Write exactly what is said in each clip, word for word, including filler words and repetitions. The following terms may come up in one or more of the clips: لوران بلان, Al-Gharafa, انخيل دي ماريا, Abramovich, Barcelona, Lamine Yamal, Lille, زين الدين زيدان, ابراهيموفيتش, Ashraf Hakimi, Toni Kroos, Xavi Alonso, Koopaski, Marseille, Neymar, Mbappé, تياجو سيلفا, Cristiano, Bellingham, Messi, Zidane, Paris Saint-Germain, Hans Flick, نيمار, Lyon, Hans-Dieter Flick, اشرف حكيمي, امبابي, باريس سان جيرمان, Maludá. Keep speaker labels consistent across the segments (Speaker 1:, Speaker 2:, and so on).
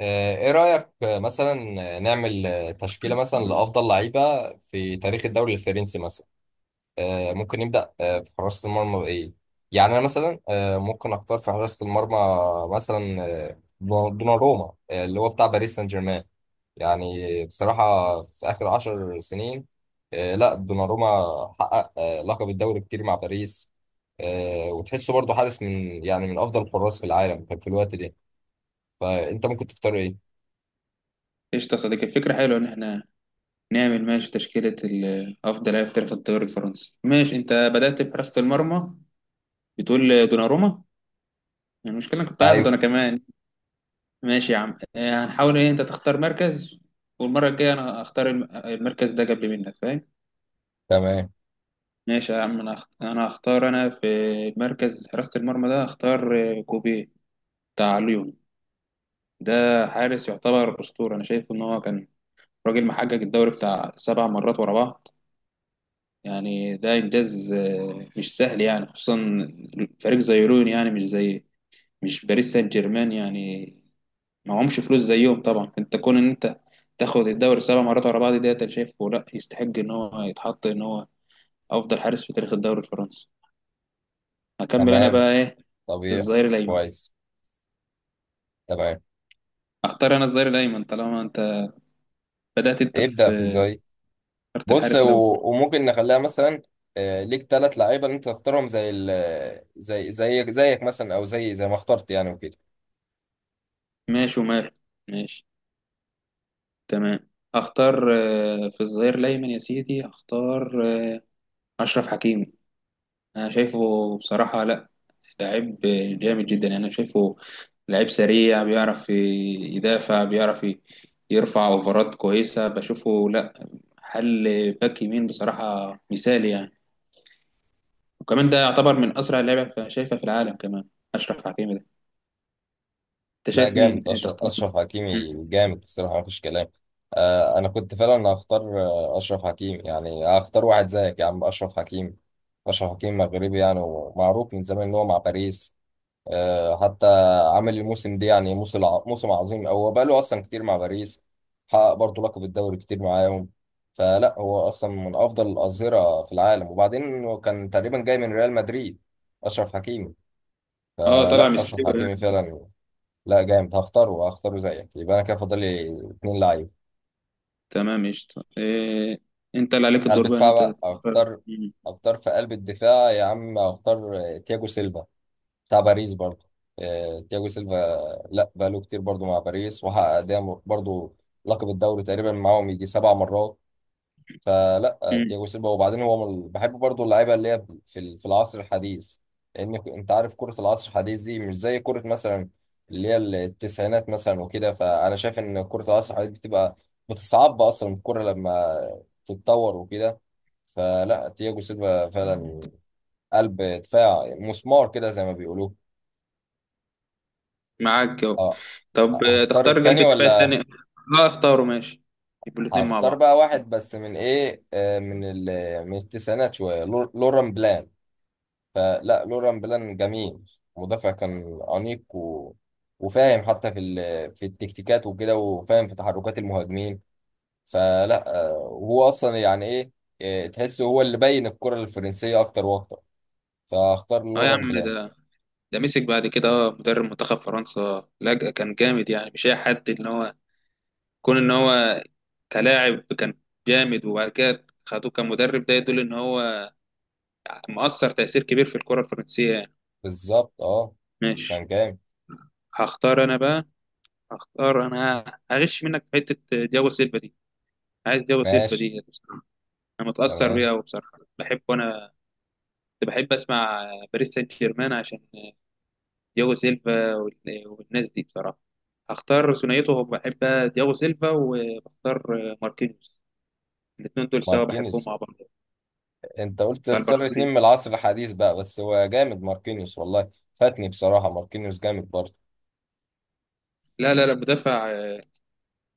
Speaker 1: آه، ايه رأيك آه، مثلا. آه، نعمل آه، تشكيلة مثلا لأفضل لعيبة في تاريخ الدوري الفرنسي مثلا. آه، ممكن نبدأ آه، في حراسة المرمى بإيه؟ يعني أنا مثلا آه، ممكن أختار في حراسة المرمى مثلا. آه، دوناروما، آه، اللي هو بتاع باريس سان جيرمان. يعني بصراحة في آخر عشر سنين. آه، لا، دوناروما حقق آه، لقب الدوري كتير مع باريس. آه، وتحسه برضه حارس من يعني من أفضل الحراس في العالم كان في الوقت ده. فأنت ممكن تختار إيه؟
Speaker 2: قشطة يا صديقي، الفكرة حلوة إن إحنا نعمل ماشي تشكيلة ال- أفضل لاعب في تاريخ الدوري الفرنسي. ماشي أنت بدأت بحراسة المرمى، بتقول دوناروما. المشكلة أنا كنت هاخده أنا كمان. ماشي يا عم، آه، هنحاول إيه، أنت تختار مركز والمرة الجاية أنا أختار الم- المركز ده قبل منك، فاهم؟
Speaker 1: تمام.
Speaker 2: ماشي يا عم، أنا هخت- أنا هختار أنا في مركز حراسة المرمى ده. هختار آه، كوبي بتاع ليون ده. حارس يعتبر أسطورة، أنا شايف إن هو كان راجل محقق الدوري بتاع سبع مرات ورا بعض. يعني ده إنجاز آه، مش سهل، يعني خصوصا فريق زي لون، يعني مش زي مش باريس سان جيرمان يعني، ما معهمش فلوس زيهم طبعا. فأنت كون إن أنت تاخد الدوري سبع مرات ورا بعض ديت، أنا شايفه لا يستحق إن هو يتحط إن هو أفضل حارس في تاريخ الدوري الفرنسي. هكمل أنا
Speaker 1: تمام.
Speaker 2: بقى إيه،
Speaker 1: طبيعي.
Speaker 2: الظهير الأيمن.
Speaker 1: كويس. تمام.
Speaker 2: أختار أنا الظهير الأيمن طالما أنت بدأت، أنت
Speaker 1: ابدأ في
Speaker 2: في
Speaker 1: ازاي.
Speaker 2: اخترت
Speaker 1: بص
Speaker 2: الحارس الأول.
Speaker 1: و... وممكن نخليها مثلا، آه، ليك ثلاث لعيبه اللي انت تختارهم زي ال... زي زي زيك مثلا، او زي زي ما اخترت يعني، وكده.
Speaker 2: ماشي وماله، ماشي، تمام. أختار آه، في الظهير الأيمن يا سيدي، أختار آه، أشرف حكيمي. انا شايفه بصراحة، لا، لعيب جامد جدا يعني. انا شايفه لعيب سريع، بيعرف يدافع، بيعرف ي- يرفع اوفرات كويسة، بشوفه لا حل باك يمين بصراحة مثالي يعني. وكمان ده يعتبر من اسرع اللعيبة ف- شايفها في العالم كمان، اشرف حكيمي ده. انت
Speaker 1: لا
Speaker 2: شايف مين
Speaker 1: جامد،
Speaker 2: إيه
Speaker 1: اشرف
Speaker 2: تختار مين؟
Speaker 1: اشرف حكيمي
Speaker 2: مم.
Speaker 1: جامد بصراحه، مفيش كلام. آه، انا كنت فعلا هختار آه، اشرف حكيمي، يعني هختار واحد زيك يا عم، اشرف حكيمي. اشرف حكيمي مغربي يعني، ومعروف من زمان ان هو مع باريس. آه، حتى عامل الموسم ده، يعني موسم ع- موسم عظيم، هو بقى له اصلا كتير مع باريس. حقق برضه لقب الدوري كتير معاهم. فلا هو اصلا من افضل الاظهره في العالم، وبعدين هو كان تقريبا جاي من ريال مدريد، اشرف حكيمي.
Speaker 2: اه طلع
Speaker 1: فلا اشرف
Speaker 2: مستوى
Speaker 1: حكيمي
Speaker 2: يعني.
Speaker 1: فعلا. لا جامد، هختاره هختاره زيك. يبقى انا كده فاضل لي اتنين لعيب.
Speaker 2: تمام قشطة، إيه... انت اللي عليك
Speaker 1: قلب
Speaker 2: الدور بقى ان
Speaker 1: دفاع
Speaker 2: انت
Speaker 1: بقى
Speaker 2: تختار.
Speaker 1: اختار.
Speaker 2: مم.
Speaker 1: اختار في قلب الدفاع يا عم، اختار تياجو سيلفا بتاع باريس برضه. آه، تياجو سيلفا. لا بقاله كتير برضه مع باريس، وحقق دايما برضه لقب الدوري تقريبا معاهم يجي سبع مرات. فلا آه، تياجو سيلفا. وبعدين هو من بحب برضه اللعيبه اللي هي في ال- في العصر الحديث. لان ك- انت عارف كره العصر الحديث دي مش زي كره مثلا اللي هي التسعينات مثلا وكده. فانا شايف ان كره العصر الحديث بتبقى بتصعب اصلا الكره لما تتطور وكده. فلا تياجو سيلفا
Speaker 2: مم.
Speaker 1: فعلا، قلب دفاع مسمار كده زي ما بيقولوا.
Speaker 2: معاك جو.
Speaker 1: اه.
Speaker 2: طب
Speaker 1: أه،
Speaker 2: آه،
Speaker 1: هختار
Speaker 2: تختار قلب
Speaker 1: التاني
Speaker 2: الدفاع
Speaker 1: ولا؟
Speaker 2: الثاني. اه اختاره ماشي، يبقوا الاثنين مع
Speaker 1: هختار
Speaker 2: بعض.
Speaker 1: بقى واحد بس من ايه، آه، من ال... من التسعينات شوية، لور- لوران بلان. فلا لوران بلان جميل، مدافع كان أنيق و... وفاهم حتى في ال... في التكتيكات وكده، وفاهم في تحركات المهاجمين. فلا، آه، وهو أصلا يعني ايه، آه، تحسه هو اللي بين الكرة الفرنسية أكتر وأكتر. فاختار
Speaker 2: اه يا
Speaker 1: لوران
Speaker 2: عم
Speaker 1: بلان.
Speaker 2: ده ده مسك بعد كده اه مدرب منتخب فرنسا لجأ، كان جامد يعني، مش اي حد. ان هو كون ان هو كلاعب كان جامد، وبعد كده خدوه كمدرب، ده يدل ان هو مؤثر تأثير كبير في الكرة الفرنسية يعني.
Speaker 1: بالظبط، اه
Speaker 2: ماشي.
Speaker 1: كان جامد.
Speaker 2: هختار انا بقى هختار انا هغش منك في حتة دياغو سيلفا دي. عايز دياغو سيلفا
Speaker 1: ماشي.
Speaker 2: دي بصراحة، انا متأثر
Speaker 1: تمام.
Speaker 2: بيها وبصراحة بحبه انا. كنت بحب اسمع باريس سان جيرمان عشان دياغو سيلفا وال- والناس دي بصراحه. هختار ثنائيته، بحب دياغو سيلفا، وبختار ماركينيوس. الاثنين دول سوا بحبهم
Speaker 1: ماركينيز.
Speaker 2: مع بعض.
Speaker 1: انت قلت
Speaker 2: بتاع
Speaker 1: اختار اتنين
Speaker 2: البرازيل.
Speaker 1: من العصر الحديث بقى، بس هو جامد ماركينيوس والله، فاتني بصراحة، ماركينيوس جامد برضه.
Speaker 2: لا لا لا، مدافع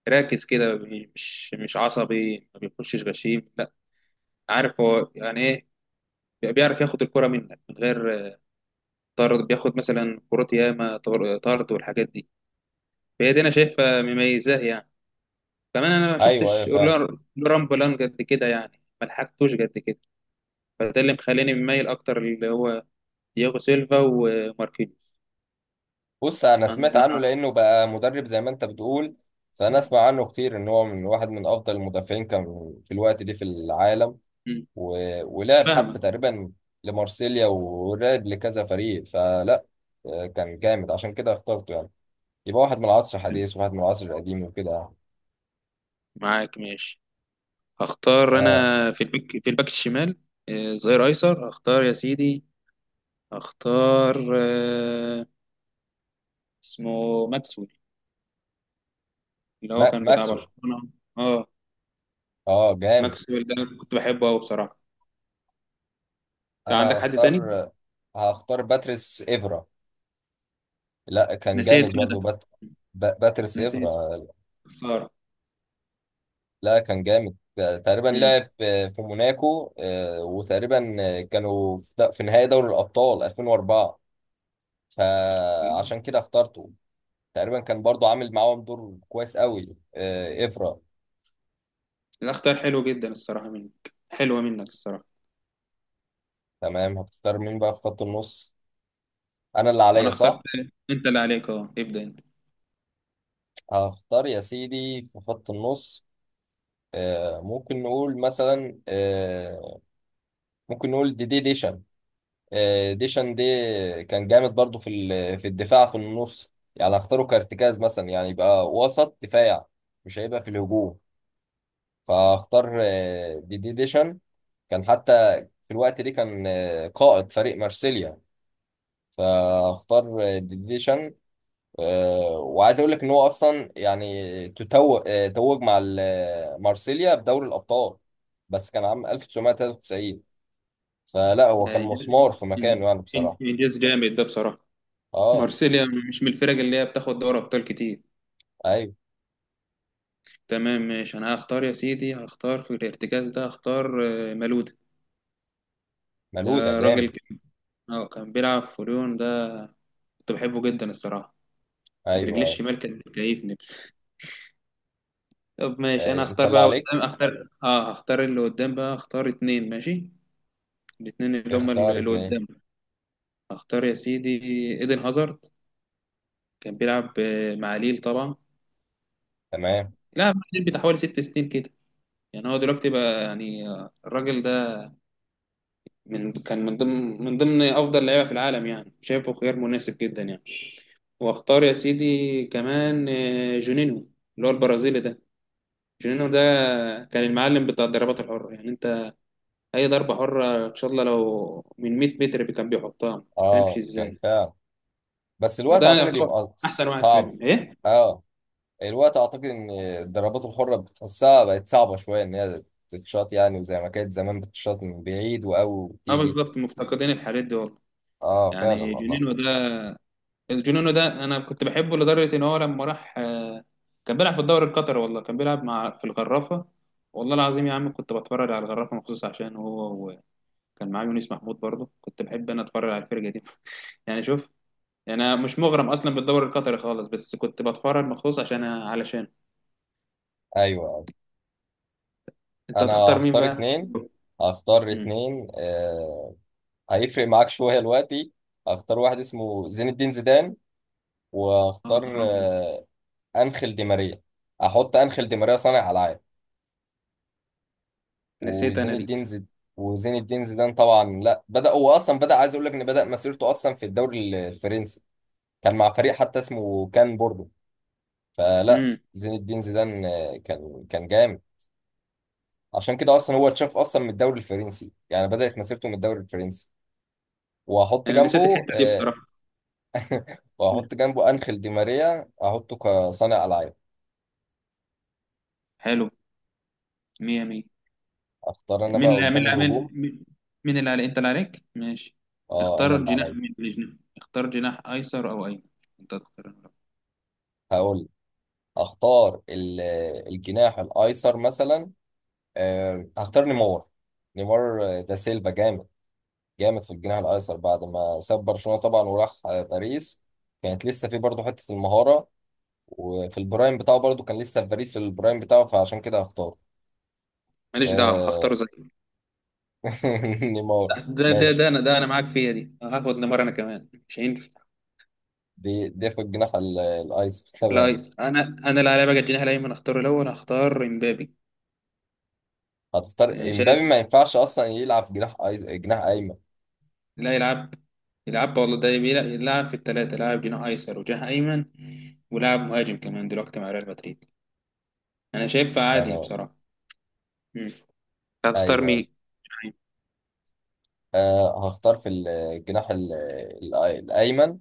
Speaker 2: راكز كده، مش مش عصبي، ما بيخشش غشيم لا. عارف هو يعني ايه. بيعرف ياخد الكرة منك من غير طرد، بياخد مثلا كرات ياما طر- طرد والحاجات دي. فهي دي انا شايفها مميزاه يعني. كمان انا ما
Speaker 1: ايوه ايوه
Speaker 2: شفتش
Speaker 1: فعلا.
Speaker 2: لوران بولان قد كده يعني، ما لحقتوش قد كده. فده اللي مخليني مميل اكتر اللي هو دياغو سيلفا وماركينيوس
Speaker 1: بص، انا سمعت
Speaker 2: انا.
Speaker 1: عنه لانه بقى مدرب زي ما انت بتقول. فانا اسمع عنه كتير ان هو من واحد من افضل المدافعين كان في الوقت ده في العالم،
Speaker 2: مم.
Speaker 1: و... ولعب حتى
Speaker 2: فاهمك.
Speaker 1: تقريبا لمارسيليا، ولعب لكذا فريق. فلا آه، كان جامد، عشان كده اخترته، يعني يبقى واحد من العصر الحديث وواحد من العصر القديم وكده يعني.
Speaker 2: معاك ماشي. هختار
Speaker 1: آه.
Speaker 2: انا في الباك في الباك الشمال، آه، ظهير ايسر هختار يا سيدي. هختار آه، اسمه ماكسويل، اللي هو
Speaker 1: ما-
Speaker 2: كان بتاع
Speaker 1: ماكسويل.
Speaker 2: برشلونة. اه،
Speaker 1: اه جامد.
Speaker 2: ماكسويل ده كنت بحبه قوي بصراحة. انت
Speaker 1: انا
Speaker 2: عندك حد تاني؟
Speaker 1: هختار، هختار باتريس ايفرا. لا كان
Speaker 2: نسيت
Speaker 1: جامد
Speaker 2: أنا
Speaker 1: برضو،
Speaker 2: ده،
Speaker 1: بات... ب- باتريس
Speaker 2: نسيت،
Speaker 1: ايفرا.
Speaker 2: خسارة.
Speaker 1: لا كان جامد، تقريبا لعب في موناكو، آه، وتقريبا كانوا في د- في نهائي دوري الابطال ألفين واربعة.
Speaker 2: مم.
Speaker 1: فعشان كده اخترته، تقريبا كان برضو عامل معاهم دور كويس قوي، آه، ايفرا.
Speaker 2: ده اختيار حلو جدا الصراحة، منك حلوة منك الصراحة.
Speaker 1: تمام. هتختار مين بقى في خط النص؟ انا اللي
Speaker 2: وانا
Speaker 1: عليا
Speaker 2: اخترت،
Speaker 1: صح؟
Speaker 2: انت اللي عليك، اه ابدأ انت.
Speaker 1: هختار يا سيدي في خط النص، آه، ممكن نقول مثلا آه، ممكن نقول دي دي ديشان. آه، ديشان دي كان جامد برضو في ال- في الدفاع في النص، يعني اختاره كارتكاز مثلا، يعني يبقى وسط دفاع، مش هيبقى في الهجوم. فاختار آه، دي دي ديشان. كان حتى في الوقت ده كان آه، قائد فريق مارسيليا. فاختار آه، دي دي ديشان. آه، وعايز اقول لك ان هو اصلا يعني تتو- آه، توج مع ال- آه، مارسيليا بدوري الابطال، بس كان عام ألف وتسعمائة وثلاثة وتسعين. فلا هو كان
Speaker 2: ده إنجاز،
Speaker 1: مسمار في مكانه يعني
Speaker 2: إن-
Speaker 1: بصراحة.
Speaker 2: انجاز جامد ده بصراحة.
Speaker 1: اه.
Speaker 2: مارسيليا مش من الفرق اللي هي بتاخد دوري ابطال كتير.
Speaker 1: ايوه.
Speaker 2: تمام ماشي، انا هختار يا سيدي، هختار في الارتكاز ده. هختار آه، مالودا.
Speaker 1: ملهودة
Speaker 2: ده راجل
Speaker 1: جامد.
Speaker 2: كان آه، كان بيلعب في ليون ده، كنت بحبه جدا الصراحة. كانت
Speaker 1: ايوه
Speaker 2: رجلي
Speaker 1: أيوة.
Speaker 2: الشمال كانت بتكيفني. طب ماشي، انا
Speaker 1: آه، انت
Speaker 2: هختار
Speaker 1: اللي
Speaker 2: بقى
Speaker 1: عليك.
Speaker 2: قدام، اختار اه هختار اللي قدام بقى، هختار اتنين ماشي، الاتنين اللي هما
Speaker 1: اختار
Speaker 2: اللي
Speaker 1: اتنين.
Speaker 2: قدام. اختار يا سيدي ايدن هازارد، كان بيلعب آه، مع ليل طبعا،
Speaker 1: تمام.
Speaker 2: لا مع ليل بتاع حوالي ست سنين كده. يعني هو دلوقتي بقى يعني، آه، الراجل ده من كان من ضمن من ضمن افضل لعيبه في العالم يعني، شايفه خيار مناسب جدا يعني. واختار يا سيدي كمان آه، جونينيو، اللي هو البرازيلي ده. جونينيو ده كان المعلم بتاع الضربات الحره يعني. انت اي ضربه حره ان شاء الله لو من مئة متر كان بيحطها، ما تفهمش
Speaker 1: اه كان
Speaker 2: ازاي.
Speaker 1: فعلا، بس الوقت
Speaker 2: وده
Speaker 1: اعتقد
Speaker 2: يعتبر
Speaker 1: يبقى ص-
Speaker 2: احسن واحد
Speaker 1: صعب
Speaker 2: فيهم
Speaker 1: ص-
Speaker 2: ايه.
Speaker 1: اه الوقت اعتقد ان الضربات الحرة بتحسها بقت صعبة شوية ان هي تتشاط يعني، وزي ما كانت زمان بتتشاط من بعيد واو
Speaker 2: اه
Speaker 1: تيجي.
Speaker 2: بالظبط، مفتقدين الحاجات دي والله.
Speaker 1: اه فعلا
Speaker 2: يعني
Speaker 1: والله.
Speaker 2: جونينو ده، جونينو ده انا كنت بحبه لدرجه ان هو لما راح، آه، كان بيلعب في الدوري القطري والله، كان بيلعب مع في الغرافه. والله العظيم يا عم كنت بتفرج على الغرافه مخصوص عشان هو. وكان معاه يونس محمود برضه، كنت بحب انا اتفرج على الفرقه دي. يعني شوف، يعني انا مش مغرم اصلا بالدوري القطري خالص، بس كنت بتفرج مخصوص عشان علشان.
Speaker 1: ايوه أيوة.
Speaker 2: انت
Speaker 1: انا
Speaker 2: هتختار مين
Speaker 1: هختار
Speaker 2: بقى؟
Speaker 1: اتنين. هختار
Speaker 2: امم
Speaker 1: اتنين آه، هيفرق معاك شوية دلوقتي. هختار واحد اسمه زين الدين زيدان،
Speaker 2: يا
Speaker 1: واختار
Speaker 2: نهار ابيض،
Speaker 1: انخيل دي ماريا. احط انخيل دي ماريا صانع العاب
Speaker 2: نسيت
Speaker 1: وزين
Speaker 2: انا دي
Speaker 1: الدين زيد وزين الدين زيدان طبعا. لا بدا، هو اصلا بدا، عايز اقول لك ان بدا مسيرته اصلا في الدوري الفرنسي، كان مع فريق حتى اسمه كان بوردو. فلا
Speaker 2: امم
Speaker 1: زين الدين زيدان آه، كان كان جامد. عشان كده اصلا هو اتشاف اصلا من الدوري الفرنسي، يعني بدات مسيرته من الدوري الفرنسي. واحط
Speaker 2: انا نسيت
Speaker 1: جنبه
Speaker 2: الحته دي
Speaker 1: آه،
Speaker 2: بصراحه. مم.
Speaker 1: واحط جنبه انخيل دي ماريا، احطه كصانع العاب.
Speaker 2: حلو، مية مية.
Speaker 1: اختار انا
Speaker 2: مين
Speaker 1: بقى
Speaker 2: اللي مين
Speaker 1: قدام
Speaker 2: اللي عامل
Speaker 1: الهجوم.
Speaker 2: مين؟ مين اللي على، انت اللي عليك ماشي.
Speaker 1: اه انا اللي
Speaker 2: اختار جناح،
Speaker 1: عليا.
Speaker 2: مين الجناح؟ اختار جناح ايسر او ايمن، انت تختار أنا.
Speaker 1: هقول اختار ال- الجناح الايسر مثلا. آه، هختار نيمار. نيمار آه، ده سيلفا جامد، جامد في الجناح الايسر بعد ما ساب برشلونة طبعا، وراح آه، باريس. كانت لسه في برضه حتة المهارة، وفي البرايم بتاعه برضه كان لسه في باريس في البرايم بتاعه، فعشان كده هختار
Speaker 2: ماليش دعوه
Speaker 1: آه،
Speaker 2: هختاره زي،
Speaker 1: نيمار.
Speaker 2: ده ده
Speaker 1: ماشي.
Speaker 2: ده انا، ده انا معاك فيها دي، هاخد نيمار انا كمان مش هينفع.
Speaker 1: دي دي في الجناح ال- الايسر
Speaker 2: لا
Speaker 1: تمام.
Speaker 2: أيسر. انا انا اللي عليا بقى الجناح الايمن اختاره الاول، هختار امبابي.
Speaker 1: هتختار
Speaker 2: يعني
Speaker 1: امبابي؟
Speaker 2: شايف؟
Speaker 1: ما ينفعش اصلا يلعب جناح أيس- جناح ايمن.
Speaker 2: لا يلعب، يلعب والله، ده بيلعب، يلعب في الثلاثه، لاعب جناح ايسر وجناح ايمن، ولاعب مهاجم كمان دلوقتي مع ريال مدريد. انا شايفها عادي
Speaker 1: تمام.
Speaker 2: بصراحه. مم. هتختار
Speaker 1: ايوه أيوه.
Speaker 2: مين؟
Speaker 1: آه هختار في الجناح ال- ال- الأيمن.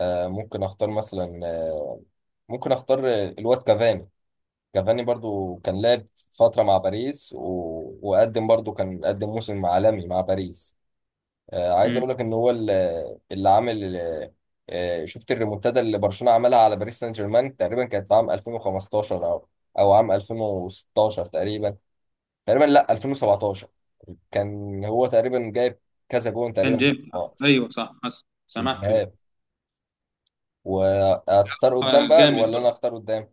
Speaker 1: آه ممكن أختار مثلا، آه ممكن أختار الواد كافاني. كافاني برضو كان لعب فترة مع باريس، و... وقدم برضو، كان قدم موسم عالمي مع باريس. آه عايز أقول لك إن هو اللي, اللي عامل، آه شفت الريمونتادا اللي برشلونة عملها على باريس سان جيرمان تقريبا، كانت في عام ألفين وخمستاشر أو أو عام ألفين وستاشر تقريبا تقريبا لا ألفين وسبعتاشر. كان هو تقريبا جايب كذا جون
Speaker 2: كان
Speaker 1: تقريبا في
Speaker 2: جيم.
Speaker 1: القاع.
Speaker 2: ايوه صح، حس- سمعته ايه.
Speaker 1: الذهاب. وهتختار قدام
Speaker 2: آه،
Speaker 1: بقى
Speaker 2: جامد
Speaker 1: ولا انا
Speaker 2: برضه.
Speaker 1: اختار قدام؟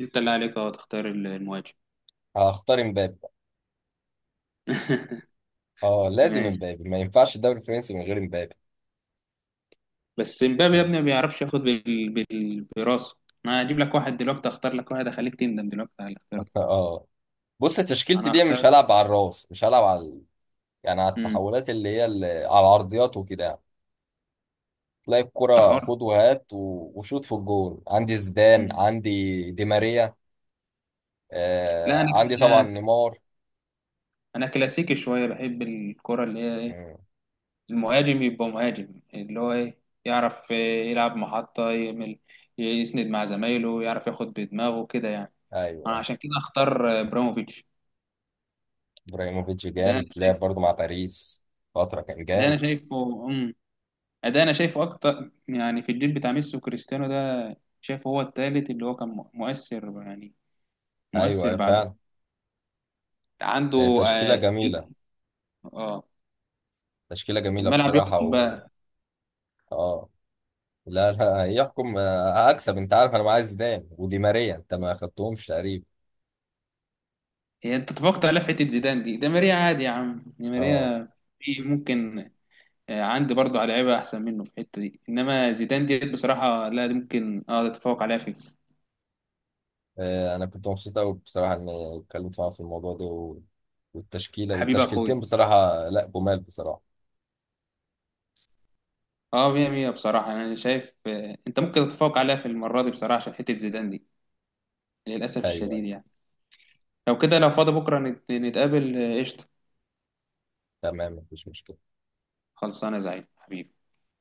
Speaker 2: انت اللي عليك اهو، تختار ال- المهاجم.
Speaker 1: هختار امبابي بقى. اه لازم
Speaker 2: ماشي.
Speaker 1: امبابي، ما ينفعش الدوري الفرنسي من غير امبابي.
Speaker 2: بس مبابي يا ابني ما بيعرفش ياخد بال... بال... براسه. انا هجيب لك واحد دلوقتي، اختار لك واحد اخليك تندم دلوقتي على اللي اخترته.
Speaker 1: اه بص، تشكيلتي
Speaker 2: انا
Speaker 1: دي مش
Speaker 2: هختار.
Speaker 1: هلعب على الراس، مش هلعب على ال- يعني على
Speaker 2: امم
Speaker 1: التحولات اللي هي اللي على العرضيات وكده يعني. تلاقي
Speaker 2: انت
Speaker 1: الكرة
Speaker 2: حر.
Speaker 1: خد وهات و- وشوط في الجول. عندي زيدان،
Speaker 2: مم.
Speaker 1: عندي دي ماريا،
Speaker 2: لا
Speaker 1: آه
Speaker 2: انا
Speaker 1: عندي طبعا
Speaker 2: انا
Speaker 1: نيمار.
Speaker 2: انا كلاسيكي شويه، بحب الكره اللي هي ايه،
Speaker 1: مم.
Speaker 2: المهاجم يبقى مهاجم اللي هو ايه، يعرف إيه، يلعب محطه، يعمل يسند مع زمايله، يعرف ياخد بدماغه كده يعني.
Speaker 1: ايوه
Speaker 2: انا
Speaker 1: أيوة.
Speaker 2: عشان كده اختار ابراموفيتش.
Speaker 1: ابراهيموفيتش
Speaker 2: ده
Speaker 1: جامد،
Speaker 2: انا
Speaker 1: لعب
Speaker 2: شايف
Speaker 1: برضه مع باريس فترة، كان
Speaker 2: ده انا
Speaker 1: جامد.
Speaker 2: شايفه امم ده انا شايفه اكتر يعني، في الجيل بتاع ميسي وكريستيانو ده شايفه هو التالت اللي هو كان مؤ- مؤثر يعني،
Speaker 1: ايوه
Speaker 2: مؤثر
Speaker 1: أيوة
Speaker 2: بعده
Speaker 1: فعلا. آه،
Speaker 2: عنده.
Speaker 1: تشكيلة
Speaker 2: اه,
Speaker 1: جميلة.
Speaker 2: آه
Speaker 1: تشكيلة جميلة
Speaker 2: الملعب
Speaker 1: بصراحة
Speaker 2: يحكم
Speaker 1: و...
Speaker 2: بقى.
Speaker 1: اه. لا، لا يحكم. آه، هكسب، انت عارف انا معايا زيدان ودي ماريا انت ما خدتهمش تقريبا.
Speaker 2: هي انت اتفقت على حته زيدان دي، ده ماريا عادي يا عم، دي
Speaker 1: اه.
Speaker 2: ماريا في ممكن. آه عندي برضه على لعيبه احسن منه في الحته دي، انما زيدان دي بصراحه لا، دي ممكن اه تتفوق عليها في.
Speaker 1: آه، انا كنت مبسوط قوي بصراحة اني اتكلمت معاك في الموضوع ده و... والتشكيلة
Speaker 2: حبيب
Speaker 1: والتشكيلتين،
Speaker 2: اخوي.
Speaker 1: بصراحة لا جمال بصراحة.
Speaker 2: اه مية مية بصراحه، انا شايف آه انت ممكن تتفوق عليها في المره دي بصراحه، عشان حته زيدان دي للأسف
Speaker 1: ايوه
Speaker 2: الشديد
Speaker 1: أيوة.
Speaker 2: يعني. لو كده لو فاضي بكرة نت- نتقابل آه، قشطة.
Speaker 1: تمام مفيش مشكلة.
Speaker 2: خلصانة يا زعيم حبيبي.